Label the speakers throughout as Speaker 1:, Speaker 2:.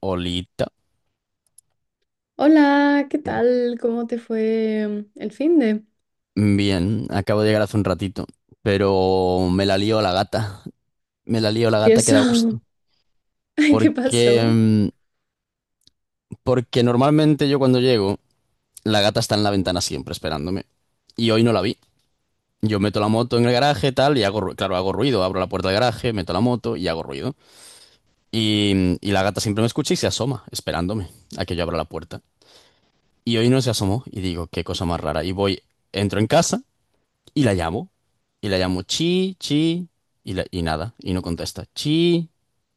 Speaker 1: Olita.
Speaker 2: Hola, ¿qué tal? ¿Cómo te fue el fin de?
Speaker 1: Bien, acabo de llegar hace un ratito, pero me la lío la gata. Me la lío la
Speaker 2: ¿Y
Speaker 1: gata que
Speaker 2: eso?
Speaker 1: da gusto.
Speaker 2: Ay, ¿qué
Speaker 1: Porque,
Speaker 2: pasó?
Speaker 1: mm, porque normalmente yo cuando llego, la gata está en la ventana siempre esperándome. Y hoy no la vi. Yo meto la moto en el garaje, tal, y claro, hago ruido. Abro la puerta del garaje, meto la moto y hago ruido. Y la gata siempre me escucha y se asoma, esperándome a que yo abra la puerta. Y hoy no se asomó y digo, qué cosa más rara. Y voy, entro en casa. Y la llamo. Y la llamo chi, chi, y nada. Y no contesta. Chi,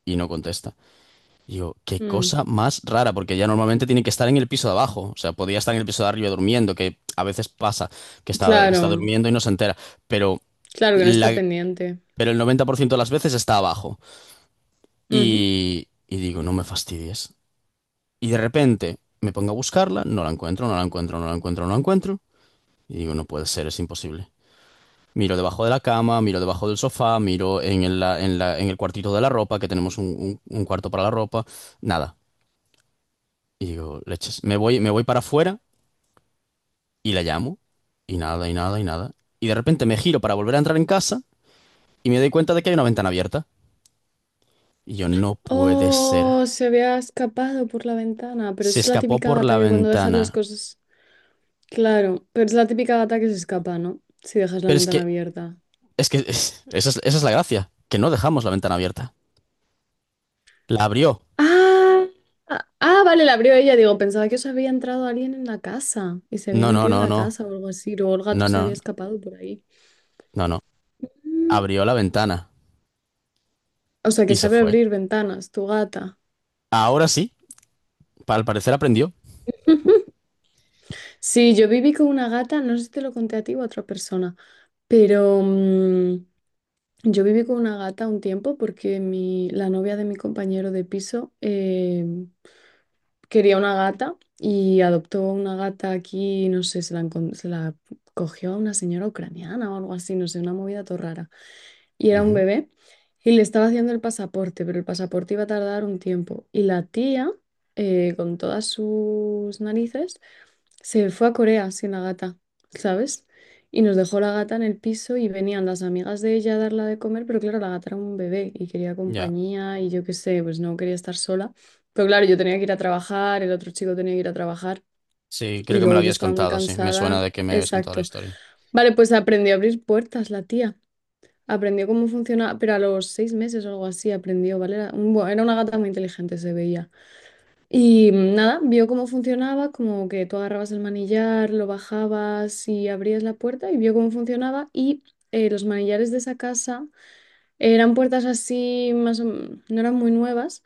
Speaker 1: y no contesta. Y yo, qué
Speaker 2: Mm,
Speaker 1: cosa más rara, porque ella normalmente tiene que estar en el piso de abajo. O sea, podría estar en el piso de arriba durmiendo, que a veces pasa, que está
Speaker 2: claro,
Speaker 1: durmiendo y no se entera. Pero,
Speaker 2: claro que no está
Speaker 1: la,
Speaker 2: pendiente.
Speaker 1: pero el 90% de las veces está abajo.
Speaker 2: Ujú.
Speaker 1: Y digo, no me fastidies. Y de repente me pongo a buscarla, no la encuentro, no la encuentro, no la encuentro, no la encuentro. Y digo, no puede ser, es imposible. Miro debajo de la cama, miro debajo del sofá, miro en el cuartito de la ropa, que tenemos un cuarto para la ropa, nada. Y digo, leches, me voy para afuera y la llamo, y nada, y nada, y nada. Y de repente me giro para volver a entrar en casa y me doy cuenta de que hay una ventana abierta. Y yo, no puede ser.
Speaker 2: Oh, se había escapado por la ventana, pero
Speaker 1: Se
Speaker 2: es la
Speaker 1: escapó
Speaker 2: típica
Speaker 1: por
Speaker 2: gata
Speaker 1: la
Speaker 2: que cuando dejas las
Speaker 1: ventana.
Speaker 2: cosas... Claro, pero es la típica gata que se escapa, ¿no? Si dejas la
Speaker 1: Pero es
Speaker 2: ventana
Speaker 1: que,
Speaker 2: abierta.
Speaker 1: esa es la gracia, que no dejamos la ventana abierta. La abrió.
Speaker 2: Ah, ah, ah, vale, la abrió ella. Digo, pensaba que os había entrado alguien en la casa y se había
Speaker 1: No, no,
Speaker 2: metido en
Speaker 1: no,
Speaker 2: la
Speaker 1: no,
Speaker 2: casa o algo así. Luego el gato
Speaker 1: no,
Speaker 2: se
Speaker 1: no,
Speaker 2: había escapado por ahí.
Speaker 1: no, no. Abrió la ventana
Speaker 2: O sea,
Speaker 1: y
Speaker 2: que
Speaker 1: se
Speaker 2: sabe
Speaker 1: fue.
Speaker 2: abrir ventanas, tu gata.
Speaker 1: Ahora sí. Al parecer aprendió.
Speaker 2: Sí, yo viví con una gata, no sé si te lo conté a ti o a otra persona, pero yo viví con una gata un tiempo porque la novia de mi compañero de piso quería una gata y adoptó una gata aquí, no sé, se la cogió a una señora ucraniana o algo así, no sé, una movida todo rara. Y era un
Speaker 1: Ujú.
Speaker 2: bebé, y le estaba haciendo el pasaporte, pero el pasaporte iba a tardar un tiempo. Y la tía, con todas sus narices, se fue a Corea sin la gata, ¿sabes? Y nos dejó la gata en el piso y venían las amigas de ella a darla de comer, pero claro, la gata era un bebé y quería
Speaker 1: Ya.
Speaker 2: compañía y yo qué sé, pues no quería estar sola. Pero claro, yo tenía que ir a trabajar, el otro chico tenía que ir a trabajar
Speaker 1: Sí, creo
Speaker 2: y
Speaker 1: que me
Speaker 2: luego
Speaker 1: lo
Speaker 2: yo
Speaker 1: habías
Speaker 2: estaba muy
Speaker 1: contado, sí. Me suena
Speaker 2: cansada.
Speaker 1: de que me habías contado la
Speaker 2: Exacto.
Speaker 1: historia.
Speaker 2: Vale, pues aprendió a abrir puertas la tía. Aprendió cómo funciona, pero a los 6 meses o algo así aprendió, ¿vale? Era, bueno, era una gata muy inteligente, se veía. Y nada, vio cómo funcionaba, como que tú agarrabas el manillar, lo bajabas y abrías la puerta y vio cómo funcionaba. Y los manillares de esa casa eran puertas así, no eran muy nuevas,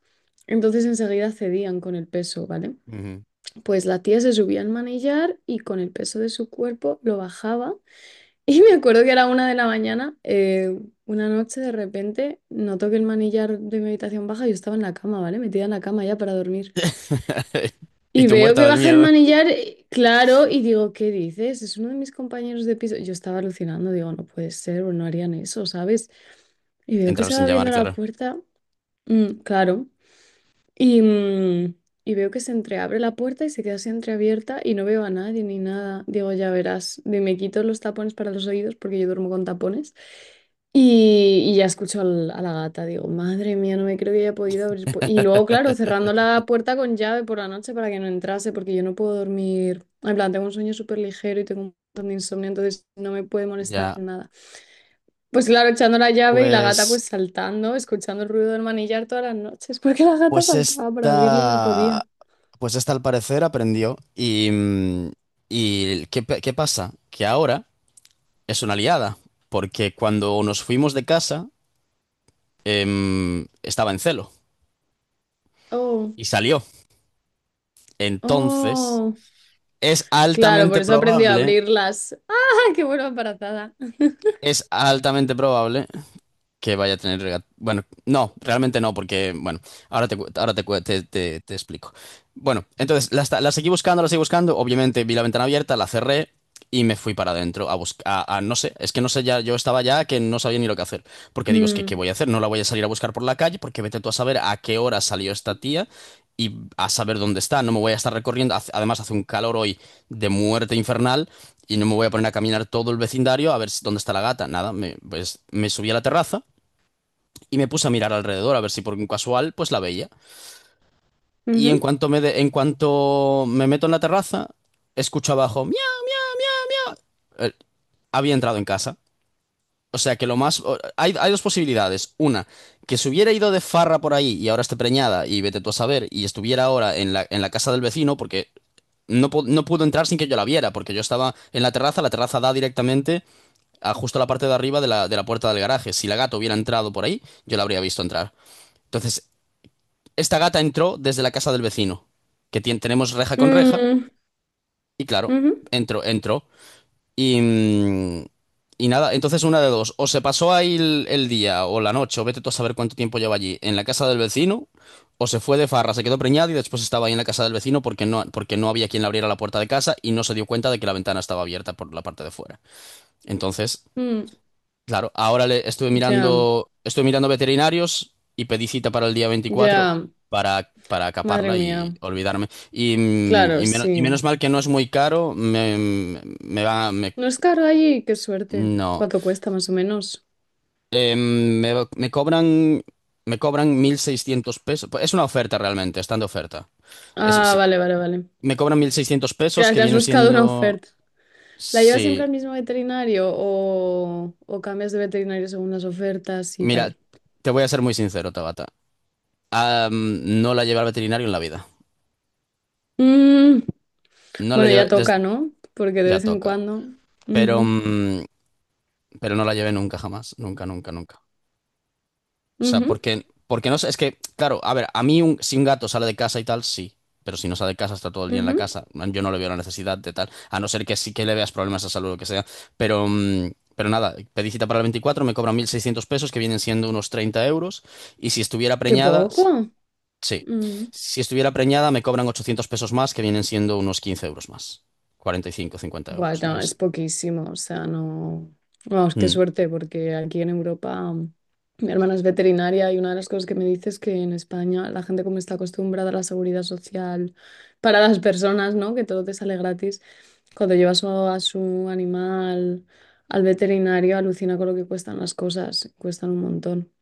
Speaker 2: entonces enseguida cedían con el peso, ¿vale?
Speaker 1: Ujú.
Speaker 2: Pues la tía se subía al manillar y con el peso de su cuerpo lo bajaba y me acuerdo que era 1 de la mañana, una noche de repente noto que el manillar de mi habitación baja, yo estaba en la cama, ¿vale? Metida en la cama ya para dormir.
Speaker 1: Y
Speaker 2: Y
Speaker 1: tú
Speaker 2: veo
Speaker 1: muerta
Speaker 2: que
Speaker 1: del
Speaker 2: baja el
Speaker 1: miedo.
Speaker 2: manillar, claro, y digo, ¿qué dices? Es uno de mis compañeros de piso. Yo estaba alucinando, digo, no puede ser, o no harían eso, ¿sabes? Y veo que
Speaker 1: Entrar
Speaker 2: se va
Speaker 1: sin llamar,
Speaker 2: abriendo la
Speaker 1: claro.
Speaker 2: puerta, mm, claro. Y, mm, y veo que se entreabre la puerta y se queda así entreabierta y no veo a nadie ni nada. Digo, ya verás, me quito los tapones para los oídos porque yo duermo con tapones. Y ya escucho a la gata, digo, madre mía, no me creo que haya podido abrir. Y luego, claro, cerrando la puerta con llave por la noche para que no entrase, porque yo no puedo dormir. En plan, tengo un sueño súper ligero y tengo un montón de insomnio, entonces no me puede molestar
Speaker 1: Ya.
Speaker 2: nada. Pues claro, echando la llave y la gata
Speaker 1: Pues,
Speaker 2: pues saltando, escuchando el ruido del manillar todas las noches, porque la gata
Speaker 1: pues
Speaker 2: saltaba para abrirlo y no podía.
Speaker 1: esta, pues esta al parecer aprendió. Y ¿qué pasa? Que ahora es una aliada. Porque cuando nos fuimos de casa, estaba en celo
Speaker 2: Oh,
Speaker 1: y salió. Entonces,
Speaker 2: oh.
Speaker 1: es
Speaker 2: Claro, por
Speaker 1: altamente
Speaker 2: eso he aprendido a
Speaker 1: probable,
Speaker 2: abrirlas. ¡Ah, qué buena embarazada!
Speaker 1: es altamente probable que vaya a tener Bueno, no, realmente no, porque, bueno, te explico. Bueno, entonces la seguí buscando, la seguí buscando. Obviamente vi la ventana abierta, la cerré y me fui para adentro a buscar. No sé, es que no sé ya, yo estaba ya que no sabía ni lo que hacer. Porque digo, es que, ¿qué
Speaker 2: Mm,
Speaker 1: voy a hacer? No la voy a salir a buscar por la calle, porque vete tú a saber a qué hora salió esta tía y a saber dónde está. No me voy a estar recorriendo. Además, hace un calor hoy de muerte infernal y no me voy a poner a caminar todo el vecindario a ver dónde está la gata. Nada, pues me subí a la terraza y me puse a mirar alrededor a ver si por un casual pues la veía. Y en
Speaker 2: ujú,
Speaker 1: cuanto me meto en la terraza, escucho abajo, "Miau". Eh, Había entrado en casa. O sea que lo más o- hay dos posibilidades. Una, que se hubiera ido de farra por ahí y ahora esté preñada y vete tú a saber y estuviera ahora en la casa del vecino porque no pudo entrar sin que yo la viera porque yo estaba en la terraza da directamente a justo la parte de arriba de la puerta del garaje. Si la gata hubiera entrado por ahí, yo la habría visto entrar. Entonces, esta gata entró desde la casa del vecino, que tenemos reja con reja,
Speaker 2: mm,
Speaker 1: y claro,
Speaker 2: ujú,
Speaker 1: entró, entró. Y, mm, y nada, entonces una de dos, o se pasó ahí el día o la noche, o vete tú a saber cuánto tiempo lleva allí, en la casa del vecino, o se fue de farra, se quedó preñada y después estaba ahí en la casa del vecino porque no había quien le abriera la puerta de casa y no se dio cuenta de que la ventana estaba abierta por la parte de fuera. Entonces,
Speaker 2: mm.
Speaker 1: claro, ahora le
Speaker 2: Ya,
Speaker 1: estuve mirando veterinarios y pedí cita para el día 24
Speaker 2: ya,
Speaker 1: para
Speaker 2: madre
Speaker 1: caparla y
Speaker 2: mía.
Speaker 1: olvidarme. Y, mm,
Speaker 2: Claro,
Speaker 1: y menos, y menos
Speaker 2: sí.
Speaker 1: mal que no es muy caro, me va, me-
Speaker 2: No es caro allí, qué suerte.
Speaker 1: no.
Speaker 2: ¿Cuánto cuesta más o menos?
Speaker 1: Eh, me, me cobran, me cobran 1.600 pesos. Pues es una oferta realmente, están de oferta. Es-
Speaker 2: Ah,
Speaker 1: es-
Speaker 2: vale, vale, vale.
Speaker 1: Me cobran 1.600 pesos
Speaker 2: Claro,
Speaker 1: que
Speaker 2: te has
Speaker 1: vienen
Speaker 2: buscado una
Speaker 1: siendo,
Speaker 2: oferta. ¿La llevas siempre
Speaker 1: sí.
Speaker 2: al mismo veterinario o cambias de veterinario según las ofertas y
Speaker 1: Mira,
Speaker 2: tal?
Speaker 1: te voy a ser muy sincero, Tabata. No la llevé al veterinario en la vida.
Speaker 2: Mm,
Speaker 1: No la
Speaker 2: bueno,
Speaker 1: llevé.
Speaker 2: ya toca, ¿no? Porque de
Speaker 1: Ya
Speaker 2: vez en
Speaker 1: toca.
Speaker 2: cuando.
Speaker 1: Pero,
Speaker 2: Ujú,
Speaker 1: mm, pero no la llevé nunca, jamás. Nunca, nunca, nunca. O sea,
Speaker 2: ujú,
Speaker 1: porque no sé, es que, claro, a ver, a mí si un gato sale de casa y tal, sí. Pero si no sale de casa, está todo el día en la
Speaker 2: ujú.
Speaker 1: casa. Yo no le veo la necesidad de tal. A no ser que sí que le veas problemas de salud o lo que sea. Pero nada, pedí cita para el 24. Me cobran 1.600 pesos, que vienen siendo unos 30 euros. Y si estuviera
Speaker 2: Qué
Speaker 1: preñada, sí.
Speaker 2: poco.
Speaker 1: Sí.
Speaker 2: Mm.
Speaker 1: Si estuviera preñada, me cobran 800 pesos más, que vienen siendo unos 15 euros más. 45, 50 euros.
Speaker 2: Bueno, es poquísimo, o sea, no. Vamos, qué
Speaker 1: Mm,
Speaker 2: suerte, porque aquí en Europa mi hermana es veterinaria y una de las cosas que me dice es que en España la gente como está acostumbrada a la seguridad social para las personas, ¿no? Que todo te sale gratis. Cuando llevas a su animal al veterinario, alucina con lo que cuestan las cosas, cuestan un montón.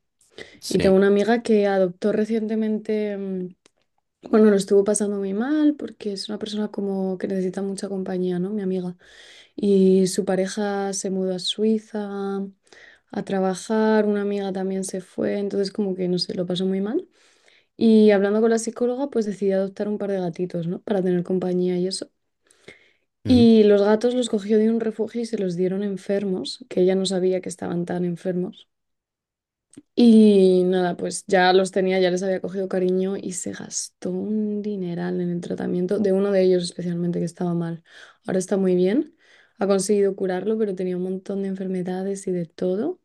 Speaker 2: Y
Speaker 1: sí.
Speaker 2: tengo una amiga que adoptó recientemente, bueno, lo estuvo pasando muy mal porque es una persona como que necesita mucha compañía, ¿no? Mi amiga. Y su pareja se mudó a Suiza a trabajar, una amiga también se fue, entonces como que, no sé, lo pasó muy mal. Y hablando con la psicóloga, pues decidí adoptar un par de gatitos, ¿no? Para tener compañía y eso. Y los gatos los cogió de un refugio y se los dieron enfermos, que ella no sabía que estaban tan enfermos. Y nada, pues ya los tenía, ya les había cogido cariño y se gastó un dineral en el tratamiento de uno de ellos especialmente que estaba mal. Ahora está muy bien, ha conseguido curarlo, pero tenía un montón de enfermedades y de todo.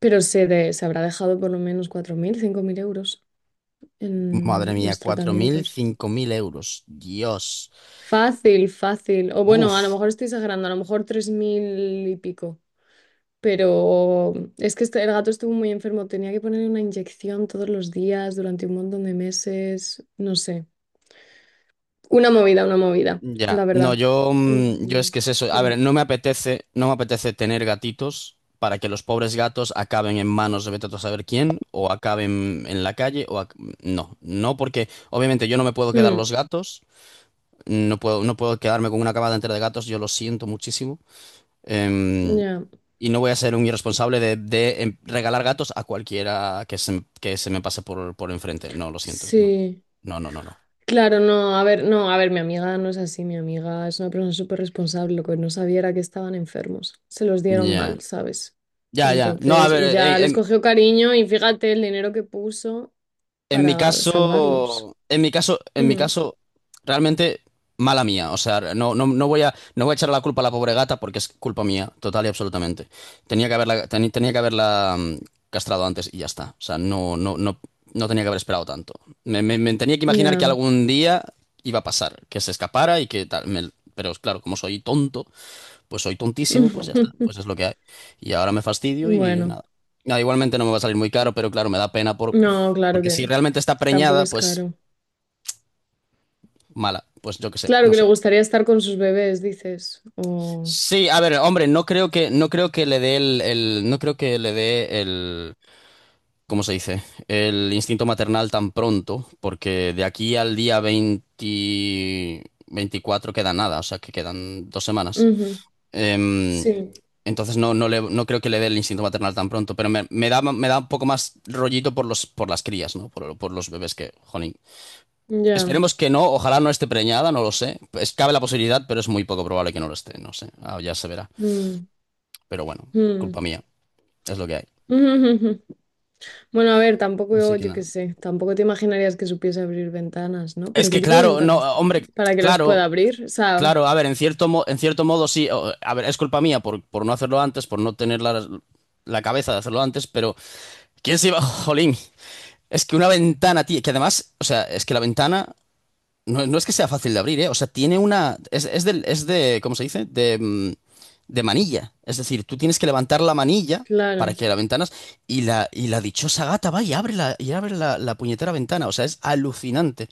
Speaker 2: Pero se, se habrá dejado por lo menos 4.000, 5.000 euros
Speaker 1: Madre
Speaker 2: en
Speaker 1: mía,
Speaker 2: los
Speaker 1: 4.000,
Speaker 2: tratamientos.
Speaker 1: 5.000 euros. Dios.
Speaker 2: Fácil, fácil. O bueno, a lo
Speaker 1: Uf.
Speaker 2: mejor estoy exagerando, a lo mejor 3.000 y pico. Pero es que el gato estuvo muy enfermo, tenía que ponerle una inyección todos los días durante un montón de meses, no sé. Una movida,
Speaker 1: Ya.
Speaker 2: la
Speaker 1: No,
Speaker 2: verdad.
Speaker 1: yo es
Speaker 2: Mm,
Speaker 1: que es eso. A
Speaker 2: mm,
Speaker 1: ver, no me apetece, no me apetece tener gatitos para que los pobres gatos acaben en manos de vete tú a saber quién, o acaben en la calle, o no. No, porque obviamente yo no me puedo quedar
Speaker 2: mm,
Speaker 1: los gatos. No puedo, no puedo quedarme con una camada entera de gatos, yo lo siento muchísimo. Em,
Speaker 2: ya,
Speaker 1: Y no voy a ser un irresponsable de regalar gatos a cualquiera que se me pase por enfrente. No, lo siento. No,
Speaker 2: sí.
Speaker 1: no, no, no, no.
Speaker 2: Claro, no, a ver, no, a ver, mi amiga no es así, mi amiga es una persona súper responsable, lo que no sabía era que estaban enfermos, se los dieron
Speaker 1: Ya,
Speaker 2: mal, ¿sabes?
Speaker 1: ya, ya. No, a
Speaker 2: Entonces, y
Speaker 1: ver,
Speaker 2: ya
Speaker 1: eh,
Speaker 2: les
Speaker 1: em,
Speaker 2: cogió cariño y fíjate el dinero que puso
Speaker 1: En mi
Speaker 2: para salvarlos.
Speaker 1: caso, en mi caso, en mi
Speaker 2: Mm,
Speaker 1: caso, realmente mala mía. O sea, no, no, no voy a echar la culpa a la pobre gata porque es culpa mía, total y absolutamente. Tenía que haberla castrado antes y ya está. O sea, no, no, no, no tenía que haber esperado tanto. Me tenía que imaginar que
Speaker 2: ya.
Speaker 1: algún día iba a pasar, que se escapara y que tal. Pero claro, como soy tonto, pues soy tontísimo, pues ya está, pues es lo que hay. Y ahora me fastidio y
Speaker 2: Bueno,
Speaker 1: nada. Nada, igualmente no me va a salir muy caro, pero claro, me da pena por...
Speaker 2: no, claro
Speaker 1: porque si
Speaker 2: que
Speaker 1: realmente está
Speaker 2: tampoco
Speaker 1: preñada,
Speaker 2: es
Speaker 1: pues
Speaker 2: caro.
Speaker 1: mala, pues yo qué sé,
Speaker 2: Claro
Speaker 1: no
Speaker 2: que le
Speaker 1: sé.
Speaker 2: gustaría estar con sus bebés, dices. O...
Speaker 1: Sí, a ver, hombre, no creo que le dé el- no creo que le dé el, ¿cómo se dice? El instinto maternal tan pronto, porque de aquí al día 20, 24 queda nada, o sea que quedan 2 semanas.
Speaker 2: Ujú,
Speaker 1: Em,
Speaker 2: sí,
Speaker 1: Entonces no, no, no creo que le dé el instinto maternal tan pronto, pero me da un poco más rollito por las crías, ¿no? Por los bebés que, jolín.
Speaker 2: ya.
Speaker 1: Esperemos que no, ojalá no esté preñada, no lo sé. Cabe la posibilidad, pero es muy poco probable que no lo esté, no sé. Ah, ya se verá.
Speaker 2: Mm,
Speaker 1: Pero bueno, culpa
Speaker 2: mm.
Speaker 1: mía, es lo que hay.
Speaker 2: Bueno, a ver, tampoco
Speaker 1: Así
Speaker 2: yo,
Speaker 1: que
Speaker 2: yo
Speaker 1: nada.
Speaker 2: qué sé, tampoco te imaginarías que supiese abrir ventanas, ¿no?
Speaker 1: Es
Speaker 2: Pero ¿qué
Speaker 1: que
Speaker 2: tipo de
Speaker 1: claro, no,
Speaker 2: ventanas
Speaker 1: hombre,
Speaker 2: tenéis para que las pueda
Speaker 1: claro,
Speaker 2: abrir? O sea,
Speaker 1: claro, a ver, en cierto modo sí, a ver, es culpa mía por no hacerlo antes, por no tener la cabeza de hacerlo antes, pero ¿quién se iba, jolín? Es que una ventana, tío, que además, o sea, es que la ventana no es que sea fácil de abrir, ¿eh? O sea, tiene una. Es de, ¿cómo se dice? De manilla. Es decir, tú tienes que levantar la manilla para
Speaker 2: claro,
Speaker 1: que la ventana. Y la dichosa gata va y abre la puñetera ventana. O sea, es alucinante.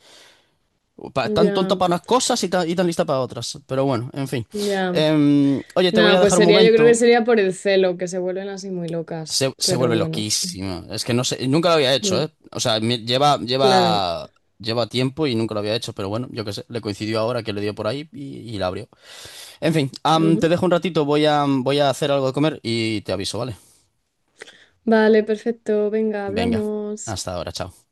Speaker 1: Tan tonta
Speaker 2: ya,
Speaker 1: para unas cosas y tan lista para otras. Pero bueno, en fin.
Speaker 2: ya.
Speaker 1: Oye, te voy
Speaker 2: Nada,
Speaker 1: a
Speaker 2: pues
Speaker 1: dejar un
Speaker 2: sería, yo creo que
Speaker 1: momento.
Speaker 2: sería por el celo, que se vuelven así muy locas,
Speaker 1: Se vuelve
Speaker 2: pero bueno,
Speaker 1: loquísimo. Es que no sé, nunca lo había hecho,
Speaker 2: mm,
Speaker 1: ¿eh? O sea, lleva,
Speaker 2: claro.
Speaker 1: lleva, lleva tiempo y nunca lo había hecho, pero bueno, yo qué sé, le coincidió ahora que le dio por ahí y la abrió. En fin, te dejo un ratito, voy a hacer algo de comer y te aviso, ¿vale?
Speaker 2: Vale, perfecto. Venga,
Speaker 1: Venga,
Speaker 2: hablamos.
Speaker 1: hasta ahora, chao.